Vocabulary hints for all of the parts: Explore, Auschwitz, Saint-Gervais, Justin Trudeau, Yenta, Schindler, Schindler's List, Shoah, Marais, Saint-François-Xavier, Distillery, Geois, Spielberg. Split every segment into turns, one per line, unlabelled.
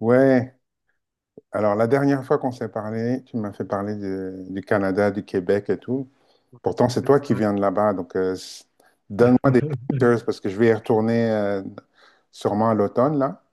Ouais, alors la dernière fois qu'on s'est parlé, tu m'as fait parler du Canada, du Québec et tout. Pourtant, c'est toi qui
Ouais.
viens de là-bas, donc, donne-moi des pointers parce que je vais y retourner sûrement à l'automne, là.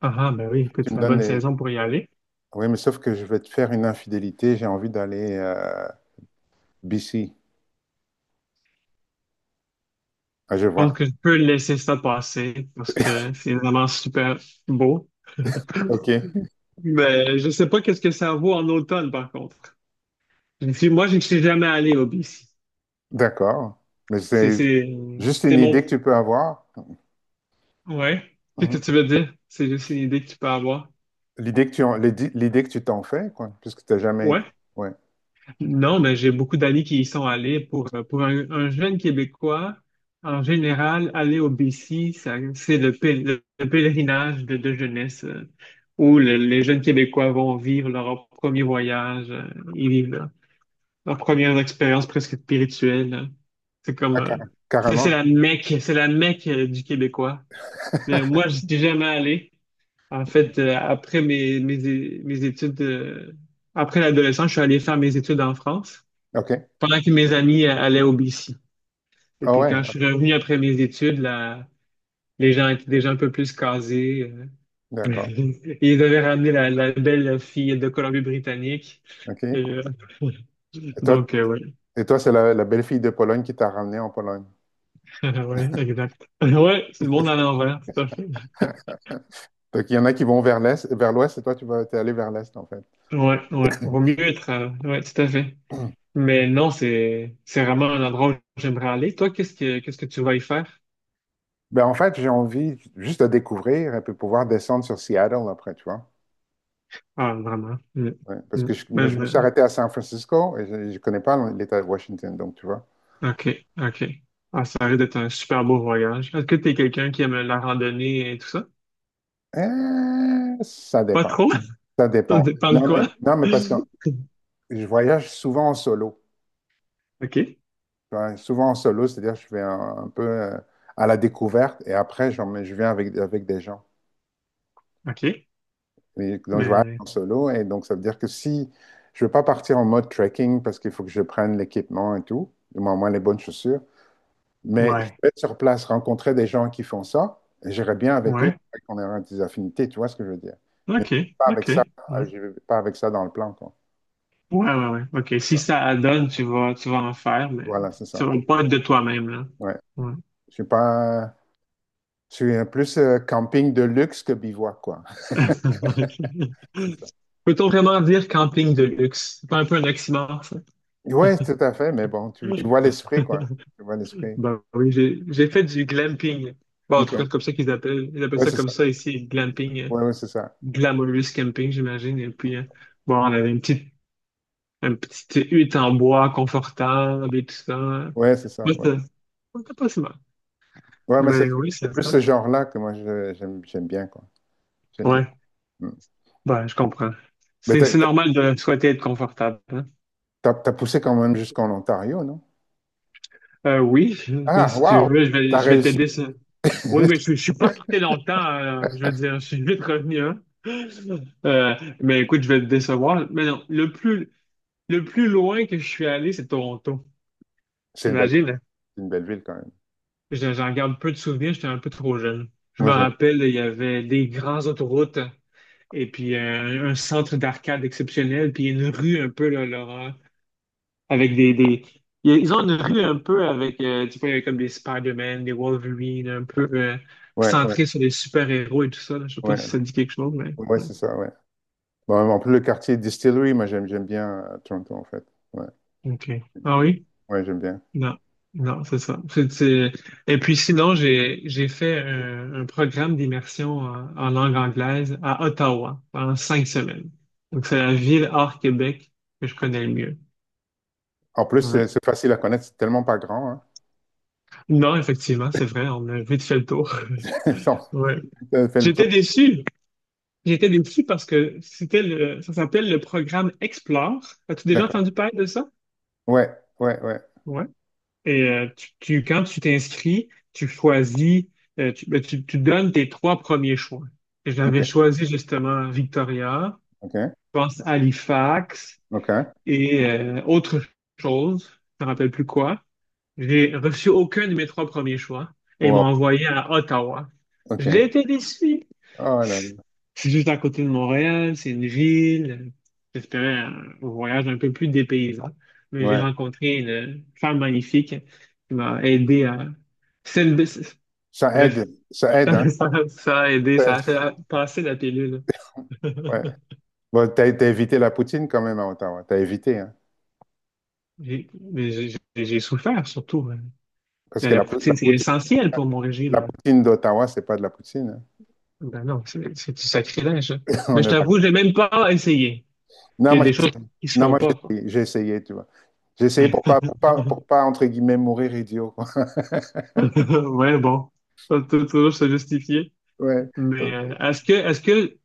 Ah, ah, ben oui, écoute,
Tu
c'est
me
la
donnes
bonne
des...
saison pour y aller.
Oui, mais sauf que je vais te faire une infidélité, j'ai envie d'aller BC, à
Je pense
Geois.
que je peux laisser ça passer parce que c'est vraiment super beau.
Ok,
Mais je sais pas qu'est-ce que ça vaut en automne, par contre. Je ne suis- Moi, je ne suis jamais allé au BC.
d'accord. Mais
C'est,
c'est
c'est,
juste
c'est
une
mon.
idée que tu peux avoir.
Ouais. Qu'est-ce que
Mhm.
tu veux dire? C'est juste une idée que tu peux avoir.
L'idée que tu t'en fais, quoi, puisque tu n'as jamais été.
Ouais.
Ouais.
Non, mais j'ai beaucoup d'amis qui y sont allés. Pour un jeune Québécois, en général, aller au BC, c'est le pèlerinage de jeunesse, où les jeunes Québécois vont vivre leur premier voyage. Ils vivent leur première expérience presque spirituelle. C'est comme,
Ah,
euh, c'est
carrément.
c'est la Mecque, c'est la Mecque du Québécois. Mais moi, je suis jamais allé. En fait, après mes études, après l'adolescence, je suis allé faire mes études en France
OK.
pendant que mes amis allaient au BC. Et
Ah
puis
ouais.
quand je suis revenu après mes études, là, les gens étaient déjà un peu plus casés.
D'accord.
Ils devaient ramener la belle fille de Colombie-Britannique.
OK.
Et,
Et
euh,
toi,
donc, ouais.
toi, c'est la belle-fille de Pologne qui t'a ramené en Pologne.
Ouais, exact. Ouais, c'est le monde à l'envers, tout à fait.
Donc, il y en a qui vont vers l'est, vers l'ouest, et toi, t'es allé vers l'est, en fait.
Ouais, ouais. Vaut mieux être. Ouais, tout à fait. Mais non, c'est vraiment un endroit où j'aimerais aller. Toi, qu'est-ce que tu vas y faire?
Ben, en fait, j'ai envie juste de découvrir et puis pouvoir descendre sur Seattle après, tu vois.
Ah, vraiment. Mm,
Ouais, parce
mm.
que je, me je
Même,
me suis
euh,
arrêté à San Francisco et je ne connais pas l'État de Washington, donc tu vois.
OK, OK. Ah, ça risque d'être un super beau voyage. Est-ce que t'es quelqu'un qui aime la randonnée et tout ça?
Ça
Pas
dépend.
trop?
Ça
Ça
dépend.
dépend de
Non, mais,
quoi?
non, mais parce que je voyage souvent en solo.
OK,
Tu vois. Souvent en solo, c'est-à-dire que je vais un peu à la découverte et après, je viens avec des gens.
OK.
Oui, donc je voyage
Mais,
en solo et donc ça veut dire que si je ne veux pas partir en mode trekking parce qu'il faut que je prenne l'équipement et tout, du moins les bonnes chaussures, mais je
ouais,
peux être sur place, rencontrer des gens qui font ça, et j'irai bien avec eux,
ouais.
et qu'on aura des affinités, tu vois ce que je veux dire. Mais
OK,
pas avec ça,
OK. Ouais,
je vais pas avec ça dans le plan, quoi.
ouais, ouais, ouais. OK, si ça donne, tu vas en faire, mais
Voilà, c'est
ça
ça.
va pas être de toi-même, là.
Ouais.
Ouais.
Je suis pas, je suis plus camping de luxe que bivouac, quoi.
OK.
C'est ça.
Peut-on vraiment dire camping de luxe? C'est pas un peu un oxymore, ça?
Ouais, tout à fait, mais bon, tu vois l'esprit, quoi. Tu vois l'esprit.
Bah oui, j'ai fait du glamping. Bon, en tout cas,
Ok.
comme ça qu'ils appellent. Ils appellent
Ouais,
ça
c'est
comme
ça.
ça ici, glamping,
Ouais, ouais, c'est ça.
glamorous camping, j'imagine. Et puis, bon, on avait une petite hutte en bois confortable et tout ça.
Ouais, c'est ça.
Moi,
Ouais,
c'était pas si mal.
ouais mais c'est
Mais oui,
c'est
c'est
plus
ça.
ce genre-là que moi j'aime bien, quoi. J'aime bien.
Ouais,
Mm.
bah, je comprends.
Mais
C'est
t'as,
c'est
t'as,
normal de souhaiter être confortable, hein.
t'as- t'as poussé quand même jusqu'en Ontario, non?
Oui, mais
Ah,
si tu
waouh!
veux,
T'as
je vais
réussi.
t'aider. Oui, mais je, je suis pas resté longtemps, je veux dire, je suis vite revenu, hein. Euh, mais écoute, je vais te décevoir. Mais non, le plus loin que je suis allé, c'est Toronto.
C'est une belle,
T'imagines?
c'est une belle ville quand même.
J'en garde peu de souvenirs, j'étais un peu trop jeune. Je me
Moi j'aime.
rappelle, il y avait des grandes autoroutes et puis un centre d'arcade exceptionnel, puis une rue un peu, là, Laurent, avec des. Ils ont une rue un peu avec, tu vois, comme des Spider-Man, des Wolverine, un peu
Ouais, ouais,
centré sur les super-héros et tout ça, là. Je sais pas
ouais,
si
ouais,
ça dit quelque chose, mais
ouais,
ouais.
c'est ça, ouais. Bon, en plus le quartier Distillery, moi j'aime bien, Toronto en fait. Ouais,
OK. Ah oui?
ouais, j'aime bien.
Non, non, c'est ça. Et puis sinon, j'ai fait un programme d'immersion en langue anglaise à Ottawa pendant 5 semaines. Donc c'est la ville hors Québec que je connais le mieux.
En plus
Ouais.
c'est facile à connaître, c'est tellement pas grand, hein.
Non, effectivement, c'est vrai, on a vite fait le tour. Ouais.
Non, fait le tour.
J'étais déçu. J'étais déçu parce que ça s'appelle le programme Explore. As-tu déjà
D'accord.
entendu parler de ça?
Ouais, ouais, ouais.
Et quand tu t'inscris, tu choisis, ben, tu donnes tes trois premiers choix. Et
Ok,
j'avais choisi justement Victoria,
ok,
je pense Halifax
ok.
et autre chose, je ne me rappelle plus quoi. J'ai reçu aucun de mes trois premiers choix et ils m'ont
Wow,
envoyé à Ottawa.
ok.
Je l'ai été déçu.
Oh là là.
C'est juste à côté de Montréal, c'est une ville. J'espérais un voyage un peu plus dépaysant. Mais j'ai
Ouais.
rencontré une femme magnifique qui m'a aidé à. c'est une- Bref,
Ça aide, hein.
ça a aidé,
Ça-
ça a fait
c'est-
passer la pilule.
ouais. Bon, t'as évité la poutine quand même à Ottawa. T'as évité, hein.
Mais j'ai souffert surtout, hein.
Parce
Mais
que
la
la, pou- la
poutine, c'est
poutine,
essentiel pour mon
la
régime.
poutine d'Ottawa, c'est pas de la poutine, hein.
Ben non, c'est du sacrilège. Mais
On
je
est
t'avoue,
d'accord.
j'ai même pas essayé.
Non,
Il y a
moi,
des
j'ai,
choses qui se
non,
font
moi, j'ai
pas, quoi.
essayé, tu vois. J'ai essayé pour pas, entre guillemets, mourir idiot, quoi.
Ouais, bon, faut toujours se justifier.
Ouais.
Mais
Donc,
euh, est-ce que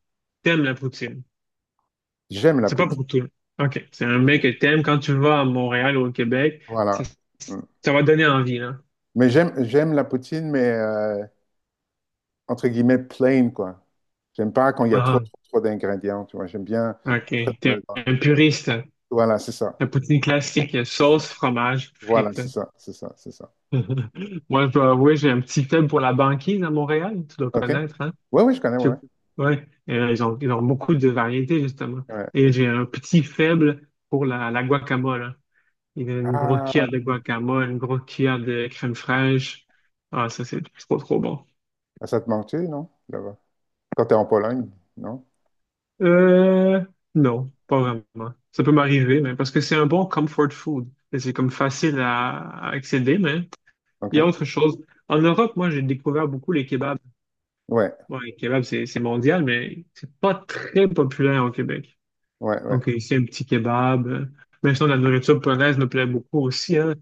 t'aimes la poutine?
j'aime la
C'est pas
poutine.
pour tout. OK, c'est un mec que t'aimes. Quand tu vas à Montréal ou au Québec, ça,
Voilà. Mm.
ça va donner envie, là.
Mais j'aime la poutine, mais entre guillemets, plain, quoi. J'aime pas quand il y a trop,
Ah,
trop, trop d'ingrédients, tu vois. J'aime bien être
OK,
dans le-
t'es
dans le-
un puriste.
Voilà, c'est ça.
La poutine classique, sauce, fromage,
Voilà,
frites.
c'est ça, c'est ça, c'est ça.
Moi, je dois avouer, j'ai un petit faible pour la banquise à Montréal, tu dois
OK?
connaître, hein?
Oui, oui, je connais, oui.
Je- Ouais, ils ont beaucoup de variétés, justement.
Ouais. Ouais.
Et j'ai un petit faible pour la guacamole, hein. Il y a une grosse
Ah,
cuillère de guacamole, une grosse cuillère de crème fraîche. Ah, ça, c'est trop, trop bon.
ça te manque, non? Là-bas. Quand t'es en Pologne, non?
Euh, non, pas vraiment. Ça peut m'arriver, mais parce que c'est un bon comfort food. Et c'est comme facile à accéder, mais il y a
OK?
autre chose. En Europe, moi, j'ai découvert beaucoup les kebabs.
Ouais,
Bon, les kebabs, c'est mondial, mais c'est pas très populaire au Québec.
ouais, ouais.
Donc, ici, un petit kebab. Même sinon, la nourriture polonaise me plaît beaucoup aussi, hein.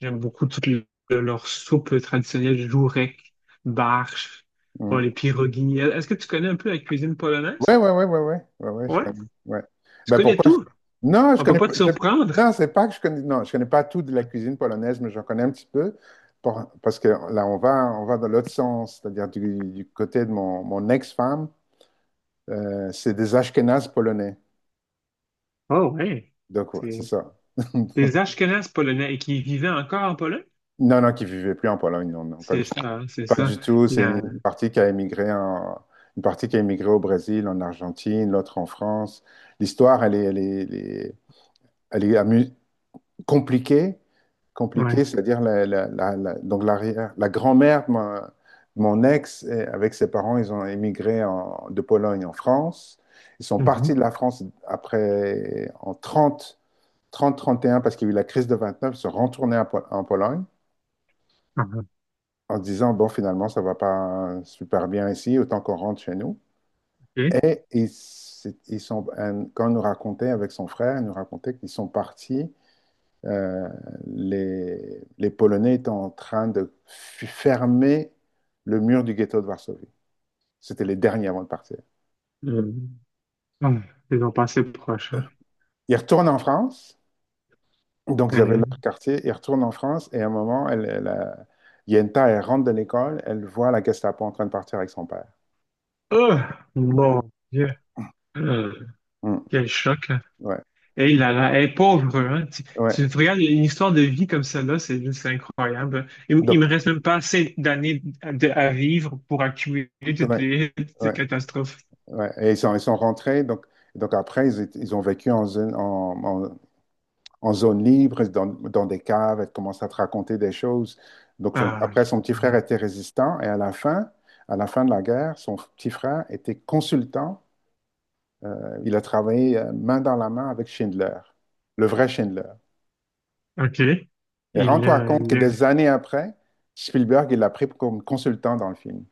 J'aime beaucoup toutes leurs soupes traditionnelles, jourek, barche, bon,
Mm.
les pierogies. Est-ce que tu connais un peu la cuisine
Ouais,
polonaise?
ouais, ouais, ouais, ouais, ouais, ouais, je
Ouais.
connais. Ouais.
Tu
Ben
connais
pourquoi?
tout.
Non, je
On peut
connais
pas
pas.
te surprendre.
Non, c'est pas que je connais. Non, je connais pas tout de la cuisine polonaise, mais j'en connais un petit peu. Parce que là, on va dans l'autre sens, c'est-à-dire du côté de mon ex-femme, c'est des Ashkénazes polonais.
Oh, ouais.
Donc, ouais,
C'est
c'est ça.
des Ashkénazes polonais qui vivaient encore en Pologne.
Non, non, qui vivait plus en Pologne, non, non,
C'est ça, c'est
pas
ça.
du tout.
Il y
C'est
a.
une partie qui a émigré, une partie qui a émigré au Brésil, en Argentine, l'autre en France. L'histoire, elle est, elle est, elle est, elle est amu- compliquée,
Ouais.
c'est-à-dire donc l'arrière, la grand-mère de de mon ex, eh, avec ses parents, ils ont émigré de Pologne en France. Ils sont
Mhm.
partis de la France après, en 31, parce qu'il y a eu la crise de 29, ils sont retournés en Pologne,
Ah,
en disant, bon, finalement, ça ne va pas super bien ici, autant qu'on rentre chez nous.
OK
Et ils, ils sont, Quand on nous racontait avec son frère, il nous racontait qu'ils sont partis, euh, les Polonais étaient en train de fermer le mur du ghetto de Varsovie. C'était les derniers avant de partir.
Euh, ah, ils ont passé proche, hein.
Ils retournent en France, donc ils avaient
Euh,
leur quartier, ils retournent en France et à un moment, Yenta, elle rentre de l'école, elle voit la Gestapo en train de partir avec son père.
Oh, mon Dieu. Euh,
Hmm,
Quel choc, hein.
ouais,
Hey là là, hey, pauvre, hein. Tu,
ouais.
tu te regardes une histoire de vie comme celle-là, c'est juste incroyable. Il me
Donc,
reste même pas assez d'années à vivre pour accumuler
ouais,
toutes ces
ouais.
catastrophes.
Ouais, et ils sont rentrés, donc, après, ils ont vécu en zone libre, dans des caves, elle commence à te raconter des choses. Donc
Ah,
après, son petit frère était résistant, et à la fin de la guerre, son petit frère était consultant. Il a travaillé main dans la main avec Schindler, le vrai Schindler.
OK. Et
Et rends-toi
le,
compte que
le...
des années après, Spielberg, il l'a pris comme consultant dans le film.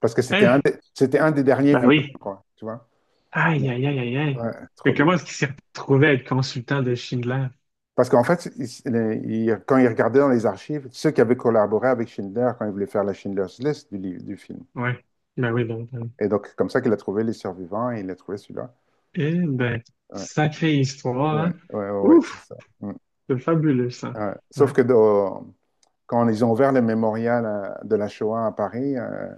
Parce que c'était un
Hein?
des, c'était un des derniers
Bah
vivants,
oui.
quoi, tu vois?
Aïe, aïe, aïe, aïe, aïe.
Ouais, trop
Mais
bien.
comment est-ce qu'il s'est retrouvé à être consultant de Schindler?
Parce qu'en fait, quand ils regardaient dans les archives, ceux qui avaient collaboré avec Schindler quand ils voulaient faire la Schindler's List du film.
Ouais. Bah oui, ben, ben.
Et donc, comme ça qu'il a trouvé les survivants et il a trouvé celui-là.
Eh ben,
Ouais,
sacrée histoire,
ouais,
hein.
ouais, ouais, ouais, c'est
Ouf,
ça. Mm.
c'est fabuleux ça.
Ouais.
Ouais.
Sauf que quand ils ont ouvert le mémorial de la Shoah à Paris,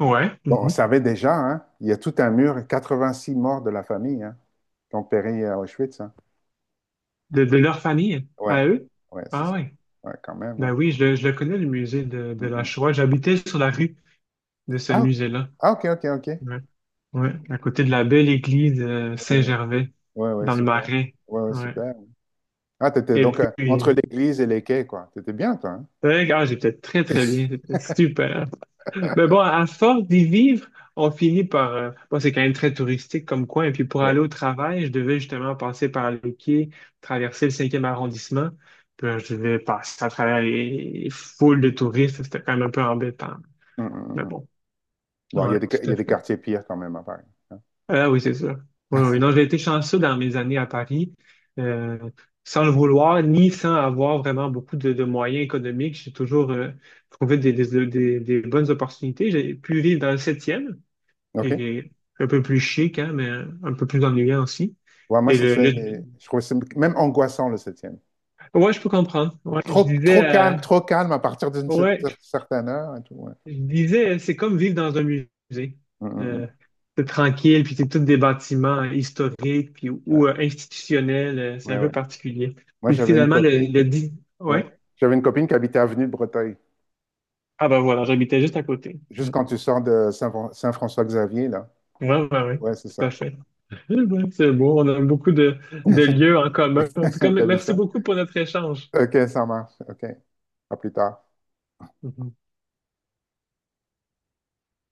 Ouais.
bon, on
Mhm.
savait déjà, hein, il y a tout un mur, 86 morts de la famille, hein, qui ont péri à Auschwitz, hein.
De leur famille,
Ouais,
à eux?
ouais, c'est
Ah
ça.
ouais.
Ouais, quand même, ouais.
Ben oui, je le connais, le musée de
Mm,
la
mm.
Shoah. J'habitais sur la rue de ce
Ah,
musée-là.
ah, ok, ok, ok.
Ouais. Ouais, à côté de la belle église
Ouais, ouais,
Saint-Gervais,
ouais, ouais,
dans le
super.
Marais.
Ouais, ouais,
Ouais.
super. Ah, t'étais
Et
donc Et-
puis,
euh, entre l'église et les quais, quoi. T'étais bien, toi, hein?
ouais, ah, j'ai peut-être très, très bien. C'était super, hein? Mais bon, à force d'y vivre, on finit par. Bon, c'est quand même très touristique comme coin. Et puis pour
Oui. Ouais.
aller au travail, je devais justement passer par les quais, traverser le cinquième arrondissement. Puis là, je devais passer à travers les foules de touristes. C'était quand même un peu embêtant.
Mm, mm,
Mais
mm.
bon,
Bon, il y
ouais,
a des, il
tout
y
à
a des
fait.
quartiers pires quand même à Paris.
Ah oui, c'est sûr. Oui, oui. Non, j'ai été chanceux dans mes années à Paris. euh, Sans le vouloir, ni sans avoir vraiment beaucoup de moyens économiques, j'ai toujours trouvé des bonnes opportunités. J'ai pu vivre dans le septième, qui
OK?
est un peu plus chic, hein, mais un peu plus ennuyant aussi.
Ouais, moi,
Et le, le-
Je trouve que c'est même angoissant, le septième.
Ouais, je peux comprendre. Ouais, je
Trop,
disais,
trop calme à partir d'une
ouais,
certaine heure et tout. Ouais.
c'est comme vivre dans un musée.
Mm, mm,
Euh,
mm.
c'est tranquille, puis c'est tous des bâtiments historiques puis, ou institutionnels. C'est
Ouais,
un
ouais,
peu
ouais.
particulier.
Moi,
Puis
j'avais une
finalement, le
copine.
dit.
Ouais. Ouais.
Ouais.
J'avais une copine qui habitait avenue de Breteuil.
Ah ben voilà, j'habitais juste à côté. Mm.
Juste quand tu sors de Saint-François-Xavier, là.
Ouais, ouais, ouais.
Ouais, c'est
Tout à
ça.
fait. Eh ben, c'est beau, on a beaucoup de lieux en commun. En tout cas,
T'as vu
merci
ça?
beaucoup pour notre échange.
OK, ça marche. OK. À plus tard.
Mhm.